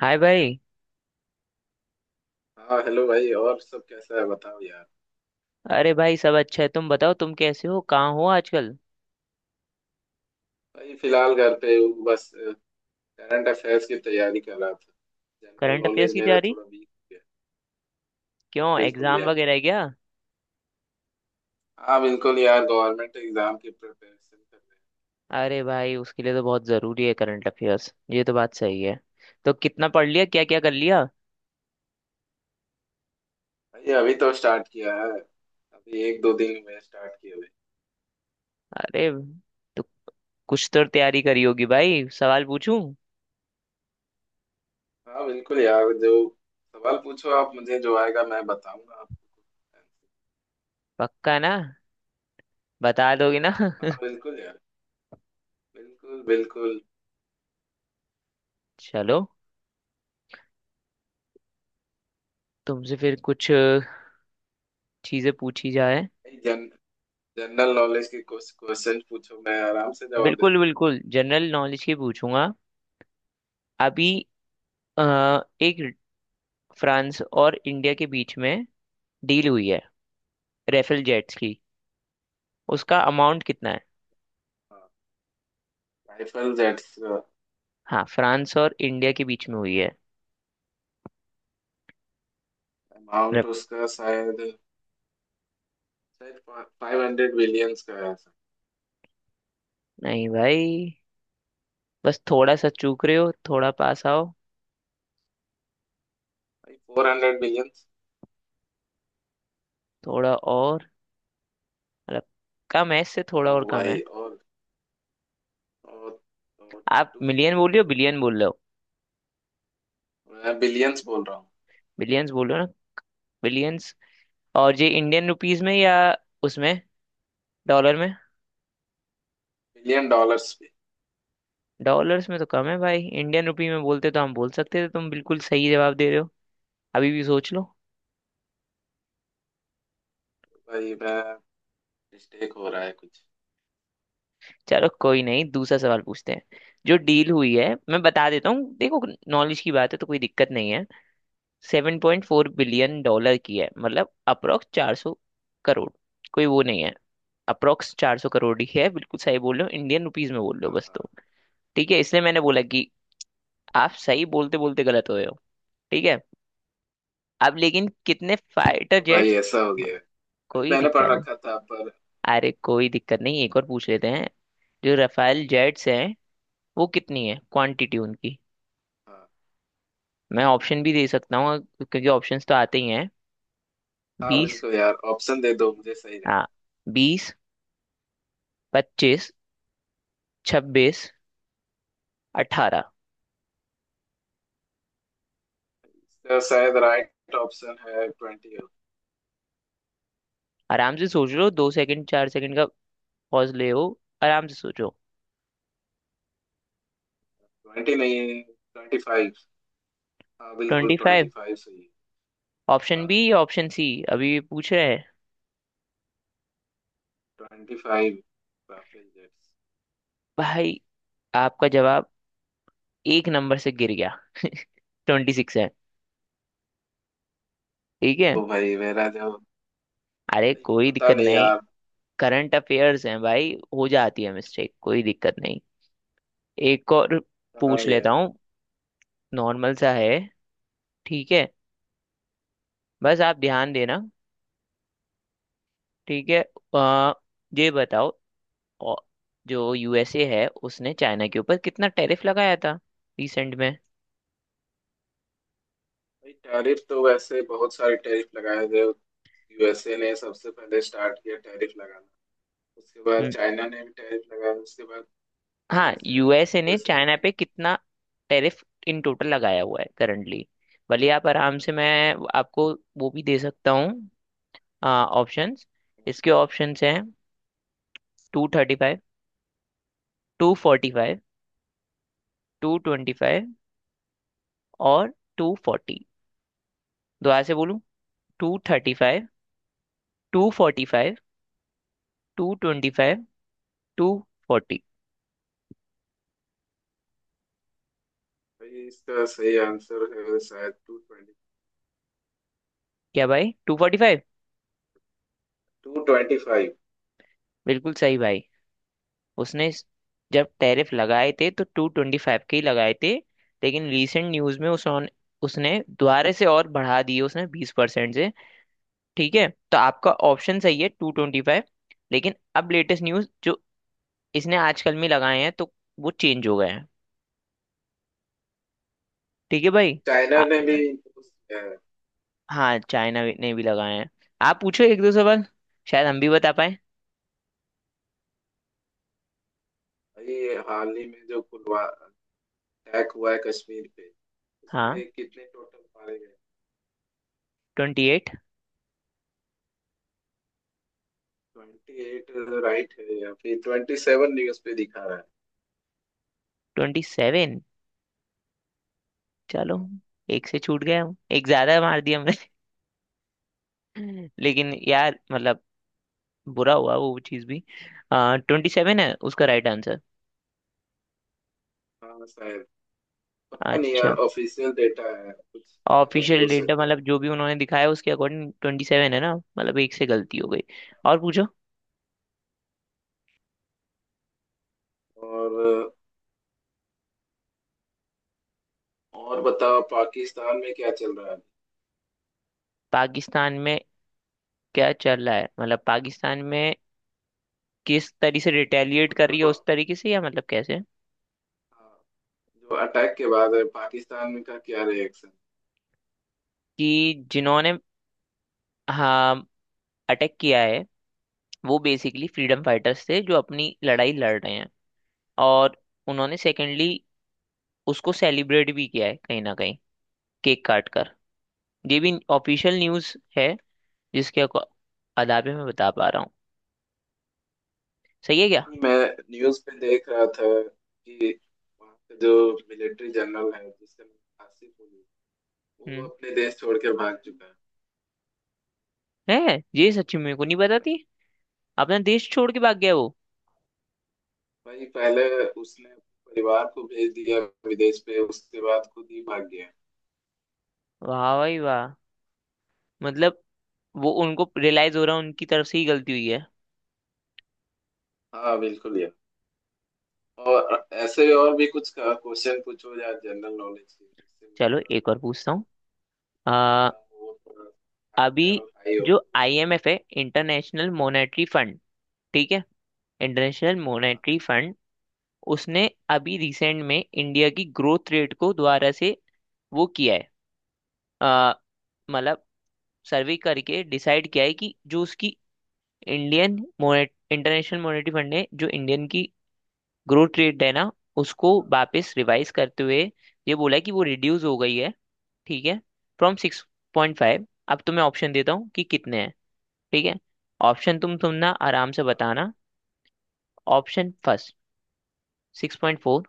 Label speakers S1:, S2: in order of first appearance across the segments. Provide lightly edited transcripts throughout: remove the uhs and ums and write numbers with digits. S1: हाय भाई।
S2: हाँ हेलो भाई। और सब कैसा है बताओ यार?
S1: अरे भाई, सब अच्छा है, तुम बताओ, तुम कैसे हो, कहाँ हो आजकल।
S2: भाई फिलहाल घर पे हूँ बस। करंट अफेयर्स की तैयारी कर रहा था। जनरल
S1: करंट अफेयर्स
S2: नॉलेज
S1: की
S2: मेरा
S1: तैयारी?
S2: थोड़ा वीक हो गया।
S1: क्यों,
S2: हाँ बिल्कुल
S1: एग्जाम
S2: यार।
S1: वगैरह है क्या?
S2: हाँ बिल्कुल यार, गवर्नमेंट एग्जाम की प्रिपरेशन कर रहे
S1: अरे भाई, उसके लिए तो बहुत ज़रूरी है करंट अफेयर्स, ये तो बात सही है। तो कितना पढ़ लिया, क्या क्या कर लिया?
S2: हैं। भाई अभी तो स्टार्ट किया है, अभी एक दो दिन में स्टार्ट किया भाई।
S1: अरे, तो कुछ तो तैयारी करी होगी भाई, सवाल पूछूं?
S2: हाँ बिल्कुल यार। जो सवाल पूछो, आप मुझे जो आएगा मैं बताऊंगा आपको।
S1: पक्का ना? बता दोगे ना?
S2: हाँ बिल्कुल यार। बिल्कुल बिल्कुल।
S1: चलो, तुमसे फिर कुछ चीज़ें पूछी जाए।
S2: भाई, जन जनरल नॉलेज के कुछ क्वेश्चन पूछो, मैं आराम से जवाब दे
S1: बिल्कुल बिल्कुल, जनरल नॉलेज की पूछूंगा। अभी अ, एक, फ्रांस और इंडिया के बीच में डील हुई है रेफेल जेट्स की, उसका अमाउंट कितना है?
S2: दूँ। I felt that uh,
S1: हाँ, फ्रांस और इंडिया के बीच में हुई है।
S2: amount
S1: रे-
S2: उसका शायद, शायद फाइव हंड्रेड बिलियंस का है भाई।
S1: नहीं भाई, बस थोड़ा सा चूक रहे हो, थोड़ा पास आओ।
S2: Four hundred billions.
S1: थोड़ा और, मतलब कम है, इससे थोड़ा
S2: और
S1: और कम है।
S2: भाई, और
S1: आप
S2: टू
S1: मिलियन
S2: फिफ्टी
S1: बोल रहे हो,
S2: बिलियन।
S1: बिलियन बोल रहे हो?
S2: मैं बिलियंस बोल रहा हूँ।
S1: बिलियंस बोल रहे हो ना? बिलियंस। और ये इंडियन रुपीस में या उसमें डॉलर में?
S2: बिलियन डॉलर्स पे।
S1: डॉलर्स में तो कम है भाई, इंडियन रुपी में बोलते तो हम बोल सकते थे, तुम बिल्कुल सही जवाब दे रहे हो। अभी भी सोच लो।
S2: भाई मैं मिस्टेक हो रहा है कुछ।
S1: चलो कोई नहीं, दूसरा सवाल पूछते हैं। जो डील हुई है मैं बता देता हूँ, देखो, नॉलेज की बात है तो कोई दिक्कत नहीं है। Seven point four billion dollar की है, मतलब अप्रोक्स 400 करोड़। कोई वो नहीं है, अप्रोक्स चार सौ करोड़ ही है, बिल्कुल सही बोल रहे हो, इंडियन रुपीज में बोल रहे हो
S2: हाँ
S1: बस।
S2: हाँ।
S1: तो ठीक है, इसलिए मैंने बोला कि आप सही बोलते बोलते गलत हो रहे हो। ठीक है। अब लेकिन कितने फाइटर
S2: तो भाई
S1: जेट्स?
S2: ऐसा हो गया है। भाई
S1: कोई
S2: मैंने
S1: दिक्कत
S2: पढ़
S1: नहीं।
S2: रखा था पर।
S1: अरे कोई दिक्कत नहीं, एक और पूछ लेते हैं। जो रफाल जेट्स हैं वो कितनी है क्वांटिटी उनकी?
S2: हाँ।
S1: मैं ऑप्शन भी दे सकता हूँ, क्योंकि ऑप्शंस तो आते ही हैं।
S2: हाँ
S1: 20,
S2: बिल्कुल यार, ऑप्शन दे दो मुझे सही रहे।
S1: हाँ 20, 25, 26, 18।
S2: इसका शायद राइट ऑप्शन है ट्वेंटी।
S1: आराम से सोच लो, दो सेकंड चार सेकंड का पॉज ले हो, आराम से सोचो।
S2: ट्वेंटी नहीं, ट्वेंटी फाइव। हाँ बिल्कुल,
S1: ट्वेंटी
S2: ट्वेंटी
S1: फाइव?
S2: फाइव सही है।
S1: ऑप्शन बी या ऑप्शन सी? अभी ये पूछ रहे हैं।
S2: Twenty five Rafale jets.
S1: भाई, आपका जवाब एक नंबर से गिर गया, ट्वेंटी सिक्स है। ठीक है।
S2: ओ भाई मेरा जो।
S1: अरे
S2: भाई,
S1: कोई
S2: पता
S1: दिक्कत
S2: नहीं
S1: नहीं,
S2: यार।
S1: करंट अफेयर्स हैं भाई, हो जाती है मिस्टेक, कोई दिक्कत नहीं। एक और
S2: हाँ
S1: पूछ लेता
S2: यार।
S1: हूँ, नॉर्मल सा है, ठीक है, बस आप ध्यान देना। ठीक है। आ, ये बताओ, औ- जो यूएसए है उसने चाइना के ऊपर कितना टैरिफ लगाया था रिसेंट में?
S2: भाई टैरिफ तो वैसे बहुत सारे टैरिफ लगाए थे, यूएसए ने सबसे पहले स्टार्ट किया टैरिफ लगाना। उसके बाद
S1: हम्म,
S2: चाइना ने भी टैरिफ लगाया, उसके बाद
S1: हाँ,
S2: फिर से
S1: यूएसए ने
S2: यूएसए ने
S1: चाइना
S2: टैरिफ
S1: पे कितना टैरिफ इन टोटल लगाया हुआ है करंटली? भले आप आराम से,
S2: लगाया।
S1: मैं आपको वो भी दे सकता हूँ ऑप्शंस। इसके ऑप्शंस हैं, two thirty five, two forty five, two twenty five और टू फोर्टी। दोबारा से बोलूँ, two thirty five, two forty five, two twenty five, two forty.
S2: भाई इसका सही आंसर है शायद टू ट्वेंटी,
S1: क्या भाई, two forty five?
S2: Two twenty five.
S1: बिल्कुल सही भाई। उसने स- जब टैरिफ लगाए थे तो टू ट्वेंटी फाइव के ही लगाए थे, लेकिन रिसेंट न्यूज में उसने उसने दोबारा से और बढ़ा दिए, उसने 20% से। ठीक है, तो आपका ऑप्शन सही है टू ट्वेंटी फाइव। लेकिन अब लेटेस्ट न्यूज जो इसने आजकल में लगाए हैं तो वो चेंज हो गए हैं, ठीक है भाई।
S2: चाइना
S1: आ,
S2: ने भी उस- है।
S1: हाँ चाइना ने भी लगाए हैं। आप पूछो एक दो सवाल, शायद हम भी बता पाए।
S2: भाई, हाल ही में जो पुलवा अटैक हुआ है कश्मीर पे, उस
S1: हाँ,
S2: पे कितने टोटल मारे गए?
S1: Twenty eight.
S2: ट्वेंटी राइट है या फिर ट्वेंटी सेवन? न्यूज पे दिखा रहा है।
S1: Twenty seven? चलो, एक से छूट गए, हम एक ज्यादा मार दिया हमने। लेकिन यार मतलब, बुरा हुआ वो चीज भी। ट्वेंटी सेवन है उसका राइट आंसर।
S2: हाँ शायद, पता नहीं यार,
S1: अच्छा,
S2: ऑफिशियल डेटा है, कुछ गलत भी
S1: ऑफिशियल
S2: हो
S1: डेटा
S2: सकता है।
S1: मतलब जो भी उन्होंने दिखाया उसके अकॉर्डिंग ट्वेंटी सेवन है ना, मतलब एक से गलती हो गई। और पूछो।
S2: और बताओ पाकिस्तान में क्या चल रहा है?
S1: पाकिस्तान में क्या चल रहा है मतलब? पाकिस्तान में किस तरीके से रिटेलिएट कर रही है उस
S2: मतलब,
S1: तरीके से, या मतलब कैसे?
S2: हाँ, जो अटैक के बाद है पाकिस्तान में का क्या रिएक्शन?
S1: कि जिन्होंने, हाँ, अटैक किया है वो बेसिकली फ्रीडम फाइटर्स थे जो अपनी लड़ाई लड़ रहे हैं। और उन्होंने सेकेंडली उसको सेलिब्रेट भी किया है कहीं ना कहीं, केक काट कर। ये भी ऑफिशियल न्यूज़ है, जिसके अको- अदाबे में बता पा रहा हूँ। सही है क्या?
S2: मैं न्यूज पे देख रहा था कि वहाँ का जो मिलिट्री जनरल है, जिसका नाम आसिफ अली, वो
S1: हम्म।
S2: अपने देश छोड़ के भाग चुका है।
S1: है ये सच्ची, मेरे को नहीं पता थी। अपना देश छोड़ के भाग गया वो?
S2: भाई पहले उसने परिवार को भेज दिया विदेश पे, उसके बाद खुद ही भाग गया।
S1: वाह भाई वाह। मतलब वो उनको रियलाइज हो रहा है उनकी तरफ से ही गलती हुई है।
S2: हाँ बिल्कुल यार, और ऐसे और भी कुछ क्वेश्चन पूछो यार जनरल नॉलेज के, जिससे
S1: चलो
S2: मेरा
S1: एक और पूछता
S2: जो
S1: हूँ। आ,
S2: एग्जाम हो, थोड़ा
S1: अभी
S2: लेवल हाई हो।
S1: जो आईएमएफ है, इंटरनेशनल मॉनेटरी फंड, ठीक है, इंटरनेशनल
S2: हाँ।
S1: मॉनेटरी फंड, उसने अभी रिसेंट में इंडिया की ग्रोथ रेट को दोबारा से वो किया है, अ, मतलब सर्वे करके डिसाइड किया है कि जो उसकी इंडियन मोनेट, इंटरनेशनल मॉनेटरी फंड ने जो इंडियन की ग्रोथ रेट है ना, उसको वापस रिवाइज करते हुए ये बोला है कि वो रिड्यूस हो गई है। ठीक है, फ्रॉम सिक्स पॉइंट फाइव। अब तो मैं ऑप्शन देता हूँ कि कितने हैं, ठीक है? ऑप्शन तुम ना आराम से
S2: हाँ
S1: बताना। Option first, six point four.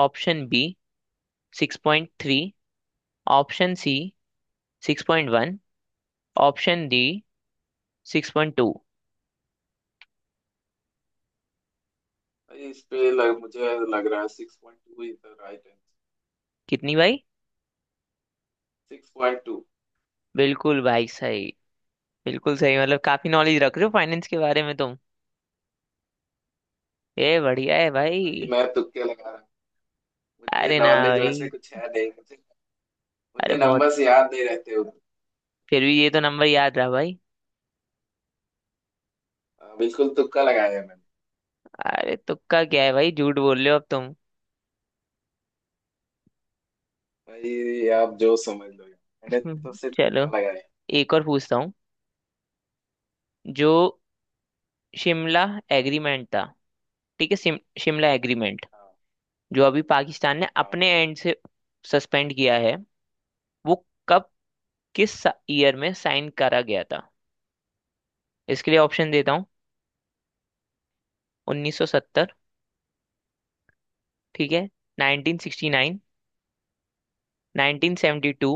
S1: Option B, six point three. Option C, six point one. Option D, six point two.
S2: भाई, मुझे लग रहा है six point two is the right answer.
S1: कितनी भाई?
S2: Six point two.
S1: बिल्कुल भाई सही, बिल्कुल सही, मतलब काफी नॉलेज रख रहे हो फाइनेंस के बारे में तुम, ये बढ़िया है
S2: भाई
S1: भाई।
S2: मैं तुक्के लगा रहा हूँ, मुझे
S1: अरे ना
S2: नॉलेज वैसे
S1: भाई।
S2: कुछ है नहीं। मुझे
S1: अरे
S2: मुझे
S1: बहुत,
S2: नंबर्स याद नहीं रहते उतने।
S1: फिर भी ये तो नंबर याद रहा भाई।
S2: हाँ, बिल्कुल तुक्का लगाया मैंने।
S1: अरे तुक्का क्या है भाई, झूठ बोल रहे हो अब तुम।
S2: भाई आप जो समझ लो, मैंने तो सिर्फ तुक्का
S1: चलो
S2: लगाया।
S1: एक और पूछता हूँ। जो शिमला एग्रीमेंट था, ठीक है, शिमला एग्रीमेंट,
S2: हाँ
S1: जो अभी पाकिस्तान ने
S2: हाँ।
S1: अपने एंड से सस्पेंड किया है, वो कब, किस ईयर में साइन करा गया था? इसके लिए ऑप्शन देता हूँ, 1970, ठीक है, 1969, 1972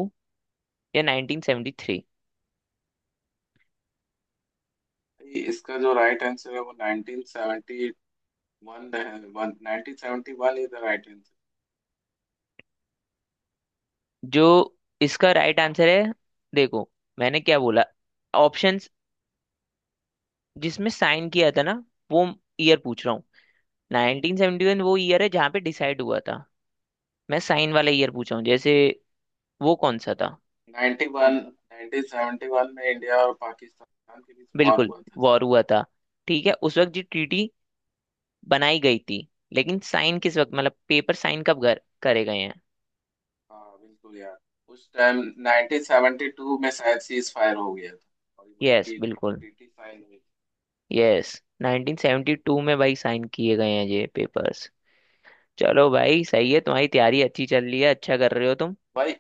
S1: या 1973।
S2: भाई, इसका जो राइट आंसर है वो 1971 है। One 1971 is the right answer.
S1: जो इसका राइट आंसर है, देखो, मैंने क्या बोला ऑप्शंस, जिसमें साइन किया था ना वो ईयर पूछ रहा हूँ। 1971 वो ईयर है जहाँ पे डिसाइड हुआ था, मैं साइन वाला ईयर पूछ रहा हूँ, जैसे वो कौन सा था?
S2: 91, 1971 में इंडिया और पाकिस्तान के बीच वॉर
S1: बिल्कुल,
S2: हुआ था।
S1: वॉर हुआ था, ठीक है, उस वक्त जो ट्रीटी बनाई गई थी। लेकिन साइन किस वक्त, मतलब पेपर साइन कब करे गए हैं?
S2: हाँ बिल्कुल यार, उस टाइम 1972 में शायद सीज फायर हो गया था और वही
S1: यस बिल्कुल,
S2: ट्रीटी साइन हुई।
S1: यस, 1972 में भाई साइन किए गए हैं ये पेपर्स। चलो भाई सही है, तुम्हारी तैयारी अच्छी चल रही है, अच्छा कर रहे हो तुम।
S2: भाई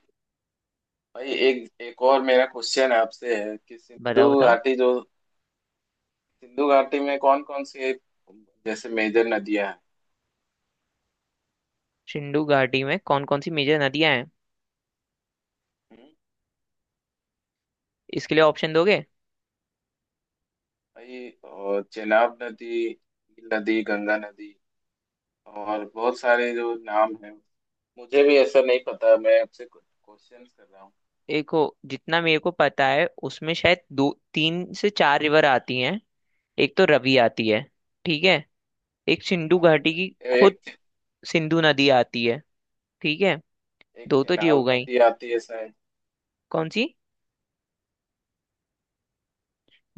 S2: भाई एक एक और मेरा क्वेश्चन आपसे है कि
S1: बताओ बताओ।
S2: सिंधु घाटी में कौन कौन सी, जैसे, मेजर नदियां हैं?
S1: सिंधु घाटी में कौन कौन सी मेजर नदियां हैं?
S2: हम्म।
S1: इसके लिए ऑप्शन दोगे?
S2: भाई, और चेनाब नदी, नील नदी, गंगा नदी, और बहुत सारे जो नाम हैं। मुझे भी ऐसा नहीं पता, मैं आपसे क्वेश्चन कर रहा हूँ।
S1: देखो, जितना मेरे को पता है उसमें शायद दो तीन से चार रिवर आती हैं। एक तो रवि आती है, ठीक है, एक सिंधु
S2: हाँ
S1: घाटी
S2: भाई,
S1: की खुद
S2: एक।
S1: सिंधु नदी आती है, ठीक है,
S2: एक
S1: दो तो ये हो
S2: चेनाब
S1: गई।
S2: नदी आती है शायद।
S1: कौन सी?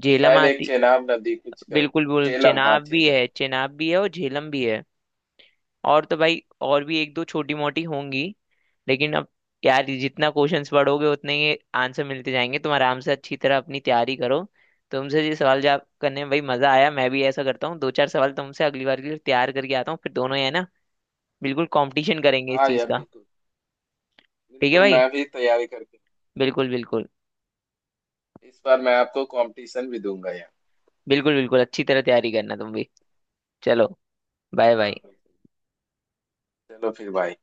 S1: झेलम
S2: शायद एक
S1: आती,
S2: चेनाब नदी कुछ कर।
S1: बिल्कुल बिल्कुल,
S2: चेलम, हाँ
S1: चेनाब भी
S2: चेलम।
S1: है, चेनाब भी है और झेलम भी है। और तो भाई और भी एक दो छोटी मोटी होंगी, लेकिन अब यार ये जितना क्वेश्चंस पढ़ोगे उतने ही आंसर मिलते जाएंगे, तुम आराम से अच्छी तरह अपनी तैयारी करो। तुमसे ये सवाल जवाब करने में भाई मजा आया, मैं भी ऐसा करता हूँ, दो चार सवाल तुमसे अगली बार के लिए तैयार करके आता हूँ, फिर दोनों ही है ना बिल्कुल कंपटीशन करेंगे इस
S2: हाँ
S1: चीज
S2: यार
S1: का।
S2: बिल्कुल
S1: ठीक है
S2: बिल्कुल।
S1: भाई,
S2: मैं भी तैयारी करके,
S1: बिल्कुल बिल्कुल,
S2: इस बार मैं आपको कंपटीशन भी दूंगा यार।
S1: बिल्कुल बिल्कुल अच्छी तरह तैयारी करना तुम भी। चलो, बाय
S2: हाँ
S1: बाय।
S2: बिल्कुल। चलो फिर भाई।